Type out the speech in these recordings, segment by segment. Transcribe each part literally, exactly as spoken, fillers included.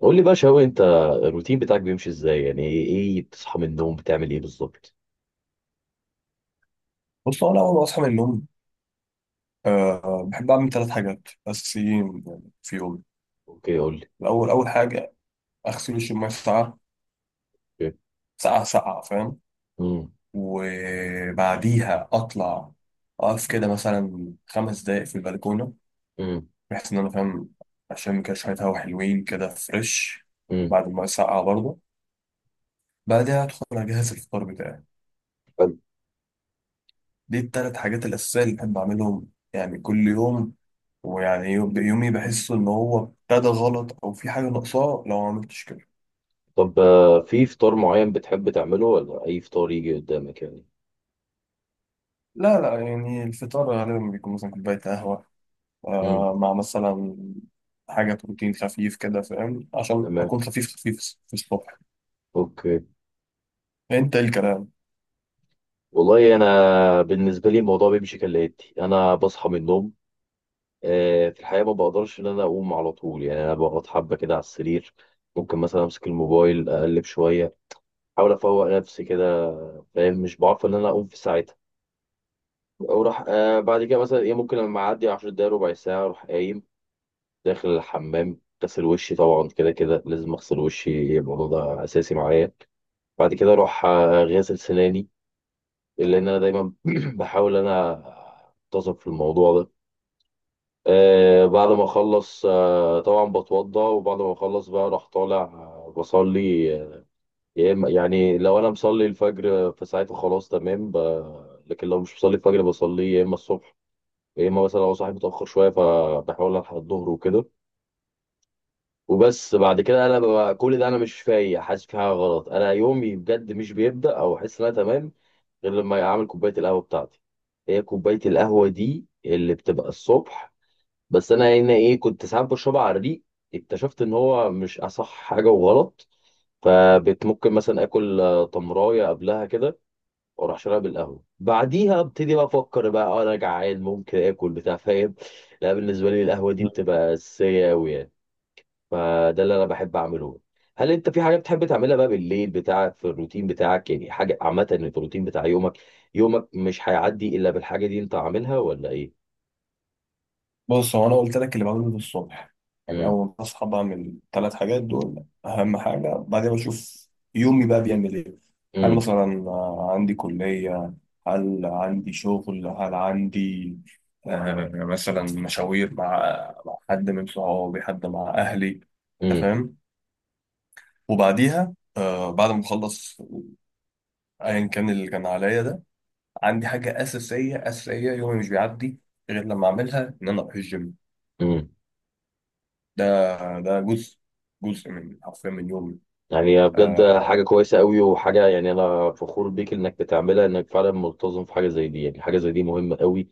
قول لي بقى شوقي انت، الروتين بتاعك بيمشي ازاي؟ يعني ايه ايه بتصحى من النوم؟ بتعمل ايه بالظبط؟ بص، هو أنا أول ما أصحى من النوم أه بحب أعمل ثلاث حاجات أساسيين يعني في يومي. اوكي قول لي. الأول، أول حاجة أغسل وشي بمية ساقعة. اوكي. ساقعة ساقعة، فاهم؟ امم وبعديها أطلع أقف كده مثلا خمس دقايق في البلكونة، امم بحيث إن أنا فاهم عشان كده شوية هوا حلوين كده فريش امم بعد المية الساقعة برضه. بعدها أدخل أجهز الفطار بتاعي. حلو. دي التلات حاجات الأساسية اللي بحب أعملهم يعني كل يوم، ويعني يوم- يومي بحس ان هو ابتدى غلط او في حاجه ناقصاه لو ما عملتش كده. طب آه، في فطار معين بتحب تعمله ولا اي فطار يجي قدامك يعني؟ لا لا، يعني الفطار غالبا بيكون مثلا كوبايه قهوه، امم آه مع مثلا حاجه بروتين خفيف كده، فاهم؟ عشان تمام. اكون خفيف خفيف في الصبح. اوكي. انت، ايه الكلام؟ والله انا بالنسبه لي الموضوع بيمشي كالاتي. انا بصحى من النوم، آه، في الحقيقه ما بقدرش ان انا اقوم على طول، يعني انا بقعد حبه كده على السرير، ممكن مثلا امسك الموبايل اقلب شويه، احاول افوق نفسي كده، فاهم، مش بعرف ان انا اقوم في ساعتها. وراح آه بعد كده مثلا ايه، ممكن لما اعدي عشر دقايق ربع ساعه اروح قايم داخل الحمام غسل وشي. طبعا كده كده لازم اغسل وشي، الموضوع ده اساسي معايا. بعد كده اروح آه، غاسل سناني، لان انا دايما بحاول انا انتظم في الموضوع ده. آه بعد ما اخلص آه طبعا بتوضى، وبعد ما اخلص بقى اروح طالع آه، بصلي. آه، يا إما- يعني لو انا مصلي الفجر آه، فساعتها خلاص تمام. ب- لكن لو مش مصلي الفجر بصلي يا اما الصبح، يا اما مثلا لو صاحي متاخر شويه فبحاول الحق الظهر وكده. وبس. بعد كده انا ببقى كل ده انا مش فايق، حاسس في حاجه غلط، انا يومي بجد مش بيبدا او احس ان انا تمام غير لما اعمل كوبايه القهوه بتاعتي. هي كوبايه القهوه دي اللي بتبقى الصبح. بس انا هنا ايه، كنت ساعات بشربها على الريق، اكتشفت ان هو مش اصح حاجه وغلط، فممكن مثلا اكل آه، تمرايه قبلها كده، واروح شارب القهوه بعديها، ابتدي بقى افكر بقى آه، انا جعان، ممكن اكل بتاع، فاهم. لا بالنسبه لي القهوه دي بتبقى اساسيه قوي يعني. فده اللي انا بحب اعمله. هل انت في حاجه بتحب تعملها بقى بالليل بتاعك في الروتين بتاعك؟ يعني حاجه عامه في الروتين بتاع يومك، يومك مش هيعدي الا بالحاجه دي انت عاملها، ولا ايه؟ بص، هو انا قلت لك اللي بعمله ده الصبح. يعني امم اول ما اصحى بعمل ثلاث حاجات دول، اهم حاجه. بعدين بشوف يومي بقى بيعمل ايه. هل امم مثلا آه، عندي كليه، هل عندي شغل، هل عندي آه، مثلا مشاوير مع مع حد من صحابي، حد مع اهلي؟ أنت امم فاهم. وبعديها آه، بعد ما اخلص ايا كان اللي كان عليا ده، عندي حاجه اساسيه اساسيه. يومي مش بيعدي غير لما اعملها، ان انا اروح الجيم. امم ده ده جزء جزء من، حرفيا، من يومي. يعني بجد حاجه آه. كويسه قوي، وحاجه يعني انا فخور بيك انك بتعملها، انك فعلا ملتزم في حاجه زي دي. يعني حاجه زي دي مهمه قوي،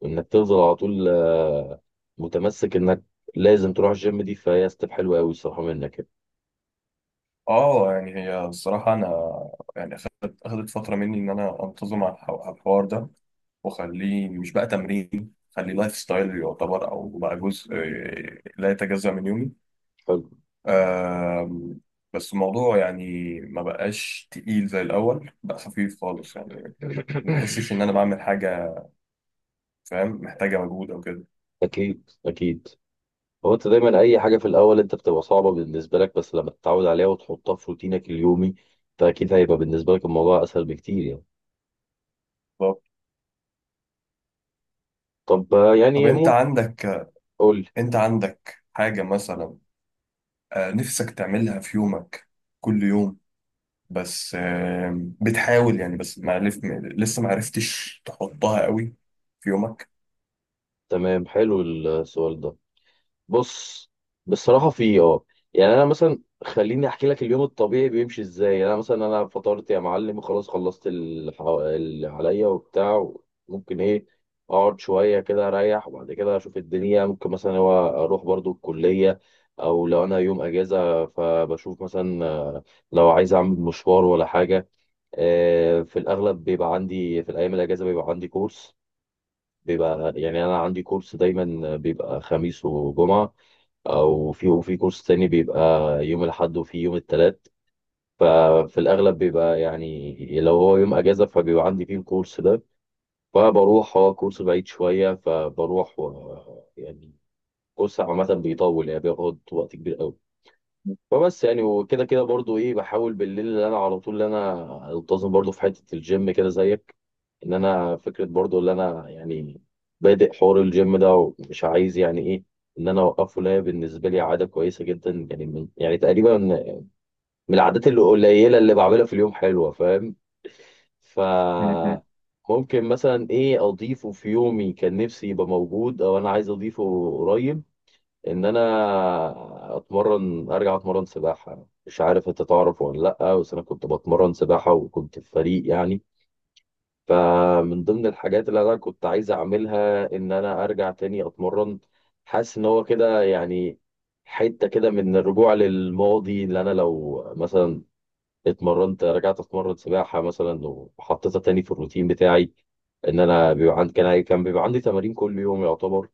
وانك تفضل على طول آه، متمسك انك لازم تروح الجيم دي، فهي ستيب حلوه قوي الصراحه منك يعني. اه، يعني هي الصراحة أنا، يعني أخدت أخدت فترة مني إن أنا أنتظم على الح- على الحوار ده، وأخليه مش بقى تمرين، خليه لايف ستايل يعتبر، أو بقى جزء آه، لا يتجزأ من يومي. حلو. آه. بس الموضوع يعني ما بقاش تقيل زي الأول، بقى خفيف خالص يعني. ما بحسش إن أنا بعمل حاجة، فاهم؟ محتاجة مجهود أو كده. اكيد اكيد. هو انت دايما اي حاجه في الاول انت بتبقى صعبه بالنسبه لك، بس لما تتعود عليها وتحطها في روتينك اليومي فاكيد هيبقى بالنسبه لك الموضوع اسهل بكتير يعني. طب طب آه، طب يعني أنت ممكن، عندك قول لي. أنت عندك حاجة مثلا آه، نفسك تعملها في يومك كل يوم، بس آه، بتحاول يعني، بس ما عرف لسه ما عرفتش تحطها قوي في يومك؟ تمام، حلو السؤال ده. بص، بصراحة في اه يعني أنا مثلا خليني أحكي لك اليوم الطبيعي بيمشي إزاي. يعني أنا مثلا أنا فطرت يا معلم وخلاص خلصت الح- اللي عليا وبتاع، ممكن إيه، أقعد شوية كده أريح، وبعد كده أشوف الدنيا، ممكن مثلا هو أروح برضو الكلية، أو لو أنا يوم أجازة فبشوف مثلا آه، لو عايز أعمل مشوار ولا حاجة. آه، في الأغلب بيبقى عندي في الأيام الأجازة بيبقى عندي كورس، بيبقى يعني أنا عندي كورس دايما بيبقى خميس وجمعة، او في وفي كورس تاني بيبقى يوم الاحد وفي يوم التلات. ففي الاغلب بيبقى يعني لو هو يوم اجازه فبيبقى عندي فيه الكورس ده، فبروح. هو كورس بعيد شويه فبروح و، يعني كورس عامه بيطول يعني بياخد وقت كبير قوي. وبس يعني. وكده كده برضو ايه، بحاول بالليل اللي انا على طول اللي انا التزم برضو في حته الجيم كده زيك، ان انا فكره برضو اللي انا يعني بادئ حوار الجيم ده ومش عايز يعني ايه ان انا اوقفه، لا بالنسبه لي عاده كويسه جدا يعني، من يعني تقريبا من العادات القليله اللي بعملها في اليوم حلوه، فاهم. ف م-م. ممكن مثلا ايه اضيفه في يومي كان نفسي يبقى موجود او انا عايز اضيفه قريب، ان انا اتمرن ارجع اتمرن سباحه، مش عارف انت تعرف ولا لا، بس انا كنت بتمرن سباحه وكنت في فريق يعني. فمن ضمن الحاجات اللي انا كنت عايز اعملها ان انا ارجع تاني اتمرن. حاسس ان هو كده يعني حته كده من الرجوع للماضي، اللي انا لو مثلا اتمرنت رجعت اتمرن سباحه مثلا وحطيتها تاني في الروتين بتاعي، ان انا بيبقى عندي كان كان بيبقى عندي تمارين كل يوم يعتبر.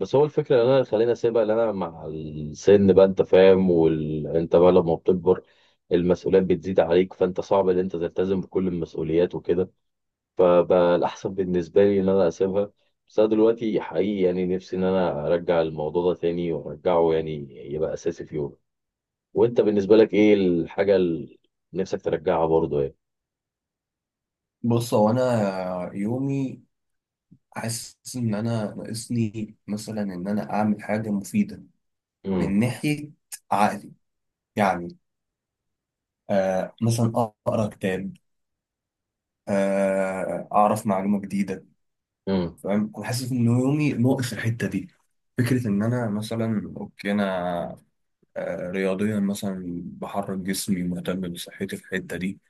بس هو الفكرة اللي أنا خليني أسيبها، اللي أنا مع السن بقى أنت فاهم وال... أنت بقى لما بتكبر المسؤوليات بتزيد عليك فأنت صعب إن أنت تلتزم بكل المسؤوليات وكده. فبقى الأحسن بالنسبة لي إن أنا أسيبها، بس أنا دلوقتي حقيقي يعني نفسي إن أنا أرجع الموضوع ده تاني وأرجعه يعني يبقى أساسي في يومي. وأنت بالنسبة لك إيه الحاجة اللي نفسك ترجعها برضه يعني؟ بص، هو انا يومي حاسس ان انا ناقصني مثلا ان انا اعمل حاجه مفيده من امم ناحيه عقلي يعني. آه مثلا اقرا كتاب، آه اعرف معلومه جديده، امم فاهم؟ انا حاسس ان يومي ناقص الحته دي. فكره ان انا مثلا، اوكي، انا آه، رياضيا مثلا بحرك جسمي، مهتم بصحتي في الحتة دي،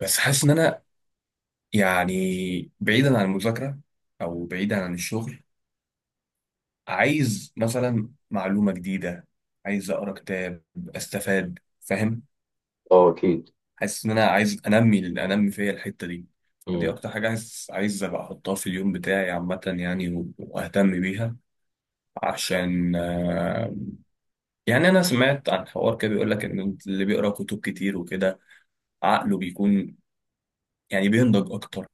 بس حاسس إن أنا يعني بعيدا عن المذاكرة أو بعيدا عن الشغل، عايز مثلا معلومة جديدة، عايز أقرأ كتاب أستفاد، فاهم؟ أه أكيد. حاسس إن أنا عايز أنمي أنمي فيا الحتة دي. دي أكتر حاجة عايز عايز أبقى أحطها في اليوم بتاعي عامة يعني، و- وأهتم بيها. عشان آه، يعني أنا سمعت عن حوار كده بيقول لك إن اللي بيقرأ كتب كتير وكده، عقله بيكون يعني بينضج اكتر،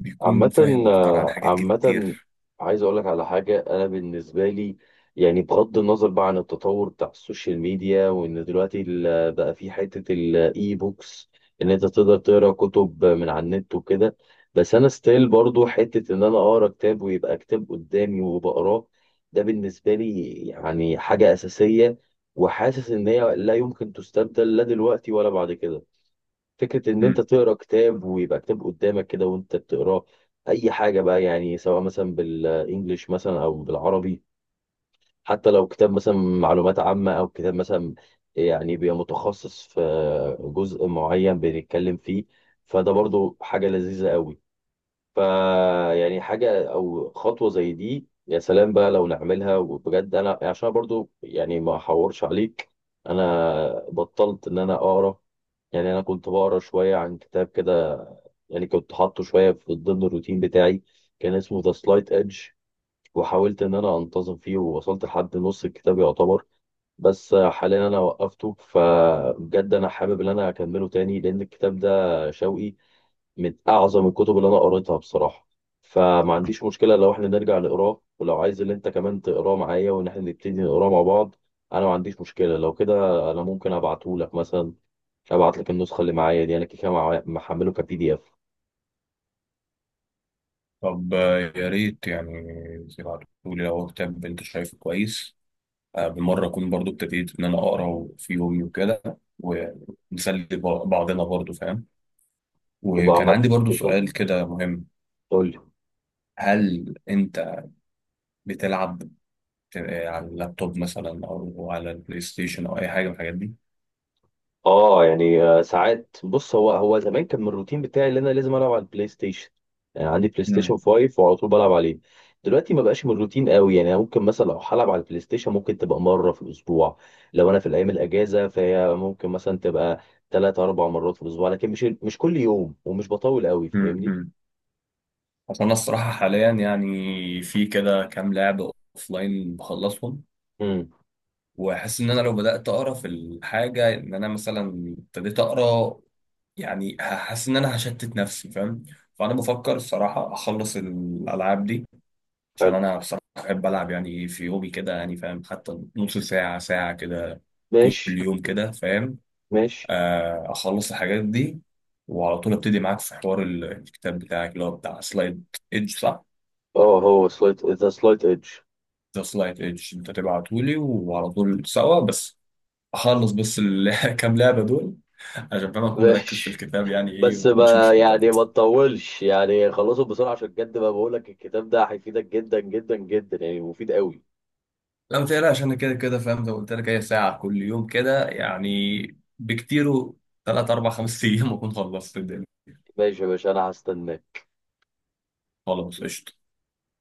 بيكون عامة، فاهم اكتر عن حاجات عامة، كتير. عايز أقول لك على حاجة. أنا بالنسبة لي يعني بغض النظر بقى عن التطور بتاع السوشيال ميديا، وإن دلوقتي ال- بقى في حتة الإي بوكس إن أنت تقدر تقرأ كتب من على النت وكده، بس أنا ستيل برضو حتة إن أنا أقرأ كتاب ويبقى كتاب قدامي وبقراه. ده بالنسبة لي يعني حاجة أساسية، وحاسس إن هي لا يمكن تستبدل لا دلوقتي ولا بعد كده، فكرة إن أنت مم. تقرأ كتاب ويبقى كتاب قدامك كده وأنت بتقراه. أي حاجة بقى يعني، سواء مثلا بالإنجليش مثلا أو بالعربي، حتى لو كتاب مثلا معلومات عامة، أو كتاب مثلا يعني بيبقى متخصص في جزء معين بنتكلم فيه، فده برضو حاجة لذيذة قوي. فيعني حاجة أو خطوة زي دي يا سلام بقى لو نعملها. وبجد أنا عشان برضو يعني ما أحورش عليك، أنا بطلت إن أنا أقرأ. يعني أنا كنت بقرا شوية عن كتاب كده، يعني كنت حاطه شوية في ضمن الروتين بتاعي، كان اسمه ذا سلايت ايدج، وحاولت إن أنا أنتظم فيه ووصلت لحد نص الكتاب يعتبر، بس حاليا أنا وقفته. فبجد أنا حابب إن أنا أكمله تاني لأن الكتاب ده شوقي من أعظم الكتب اللي أنا قريتها بصراحة. فما عنديش مشكلة لو إحنا نرجع نقراه، ولو عايز إن أنت كمان تقراه معايا وإن إحنا نبتدي نقراه مع بعض أنا ما عنديش مشكلة لو كده. أنا ممكن أبعتهولك مثلا، ابعت لك النسخه اللي معايا دي، انا كده كده مع- محمله كبي دي اف. طب آه، يا ريت يعني تبعتولي لو هو كتاب انت شايفه كويس. آه، بالمرة اكون برضو ابتديت ان انا اقرا في يومي وكده، ونسلي ب- بعضنا برضو، فاهم؟ يبقى وكان عمال، عندي برضو بالظبط، سؤال كده مهم. قول لي. هل انت بتلعب ت- آه، على اللابتوب مثلا او على البلاي ستيشن او اي حاجة من الحاجات دي؟ اه يعني آه، ساعات. بص، هو هو زمان كان من الروتين بتاعي ان انا لازم العب على البلاي ستيشن، يعني عندي بلاي ستيشن مم. خمسة وعلى طول بلعب عليه. دلوقتي ما بقاش من الروتين قوي يعني، أنا ممكن مثلا لو هلعب على البلاي ستيشن ممكن تبقى مره في الاسبوع، لو انا في الايام الاجازه فهي ممكن مثلا تبقى ثلاث اربع مرات في الاسبوع، لكن مش مش كل يوم ومش بطول قوي مم. فاهمني. مم. اصل انا الصراحة حاليا يعني في كده كام لعبة اوفلاين بخلصهم، امم واحس ان انا لو بدات اقرا في الحاجه، ان انا مثلا ابتديت اقرا، يعني هحس ان انا هشتت نفسي، فاهم؟ فانا بفكر الصراحه اخلص الالعاب دي، عشان حلو. انا بصراحه بحب العب يعني في يومي كده، يعني فاهم، حتى نص ساعه ساعه كده كل ماشي، يوم كده، فاهم؟ ماشي. آه، اخلص الحاجات دي وعلى طول ابتدي معاك في حوار ال- الكتاب بتاعك، اللي هو بتاع سلايد ايدج، صح؟ اه هو سلايت، ذا سلايت ايدج. ده سلايد ايدج انت تبعتهولي، وعلى طول سوا. بس اخلص بس ال- كام لعبه دول، عشان فاهم اكون مركز في ماشي، الكتاب يعني ايه بس وما اكونش ما يعني ما مشتت. تطولش يعني، خلصه بسرعة عشان بجد ما بقول لك الكتاب ده هيفيدك جدا جدا جدا يعني، مفيد قوي. لا، ما تقلقش، انا كده كده فاهم، زي ما قلت لك هي ساعه كل يوم كده يعني. بكتيره ثلاث اربع خمس ايام اكون خلصت الدنيا. ماشي يا باشا، انا هستناك. خلاص قشطه.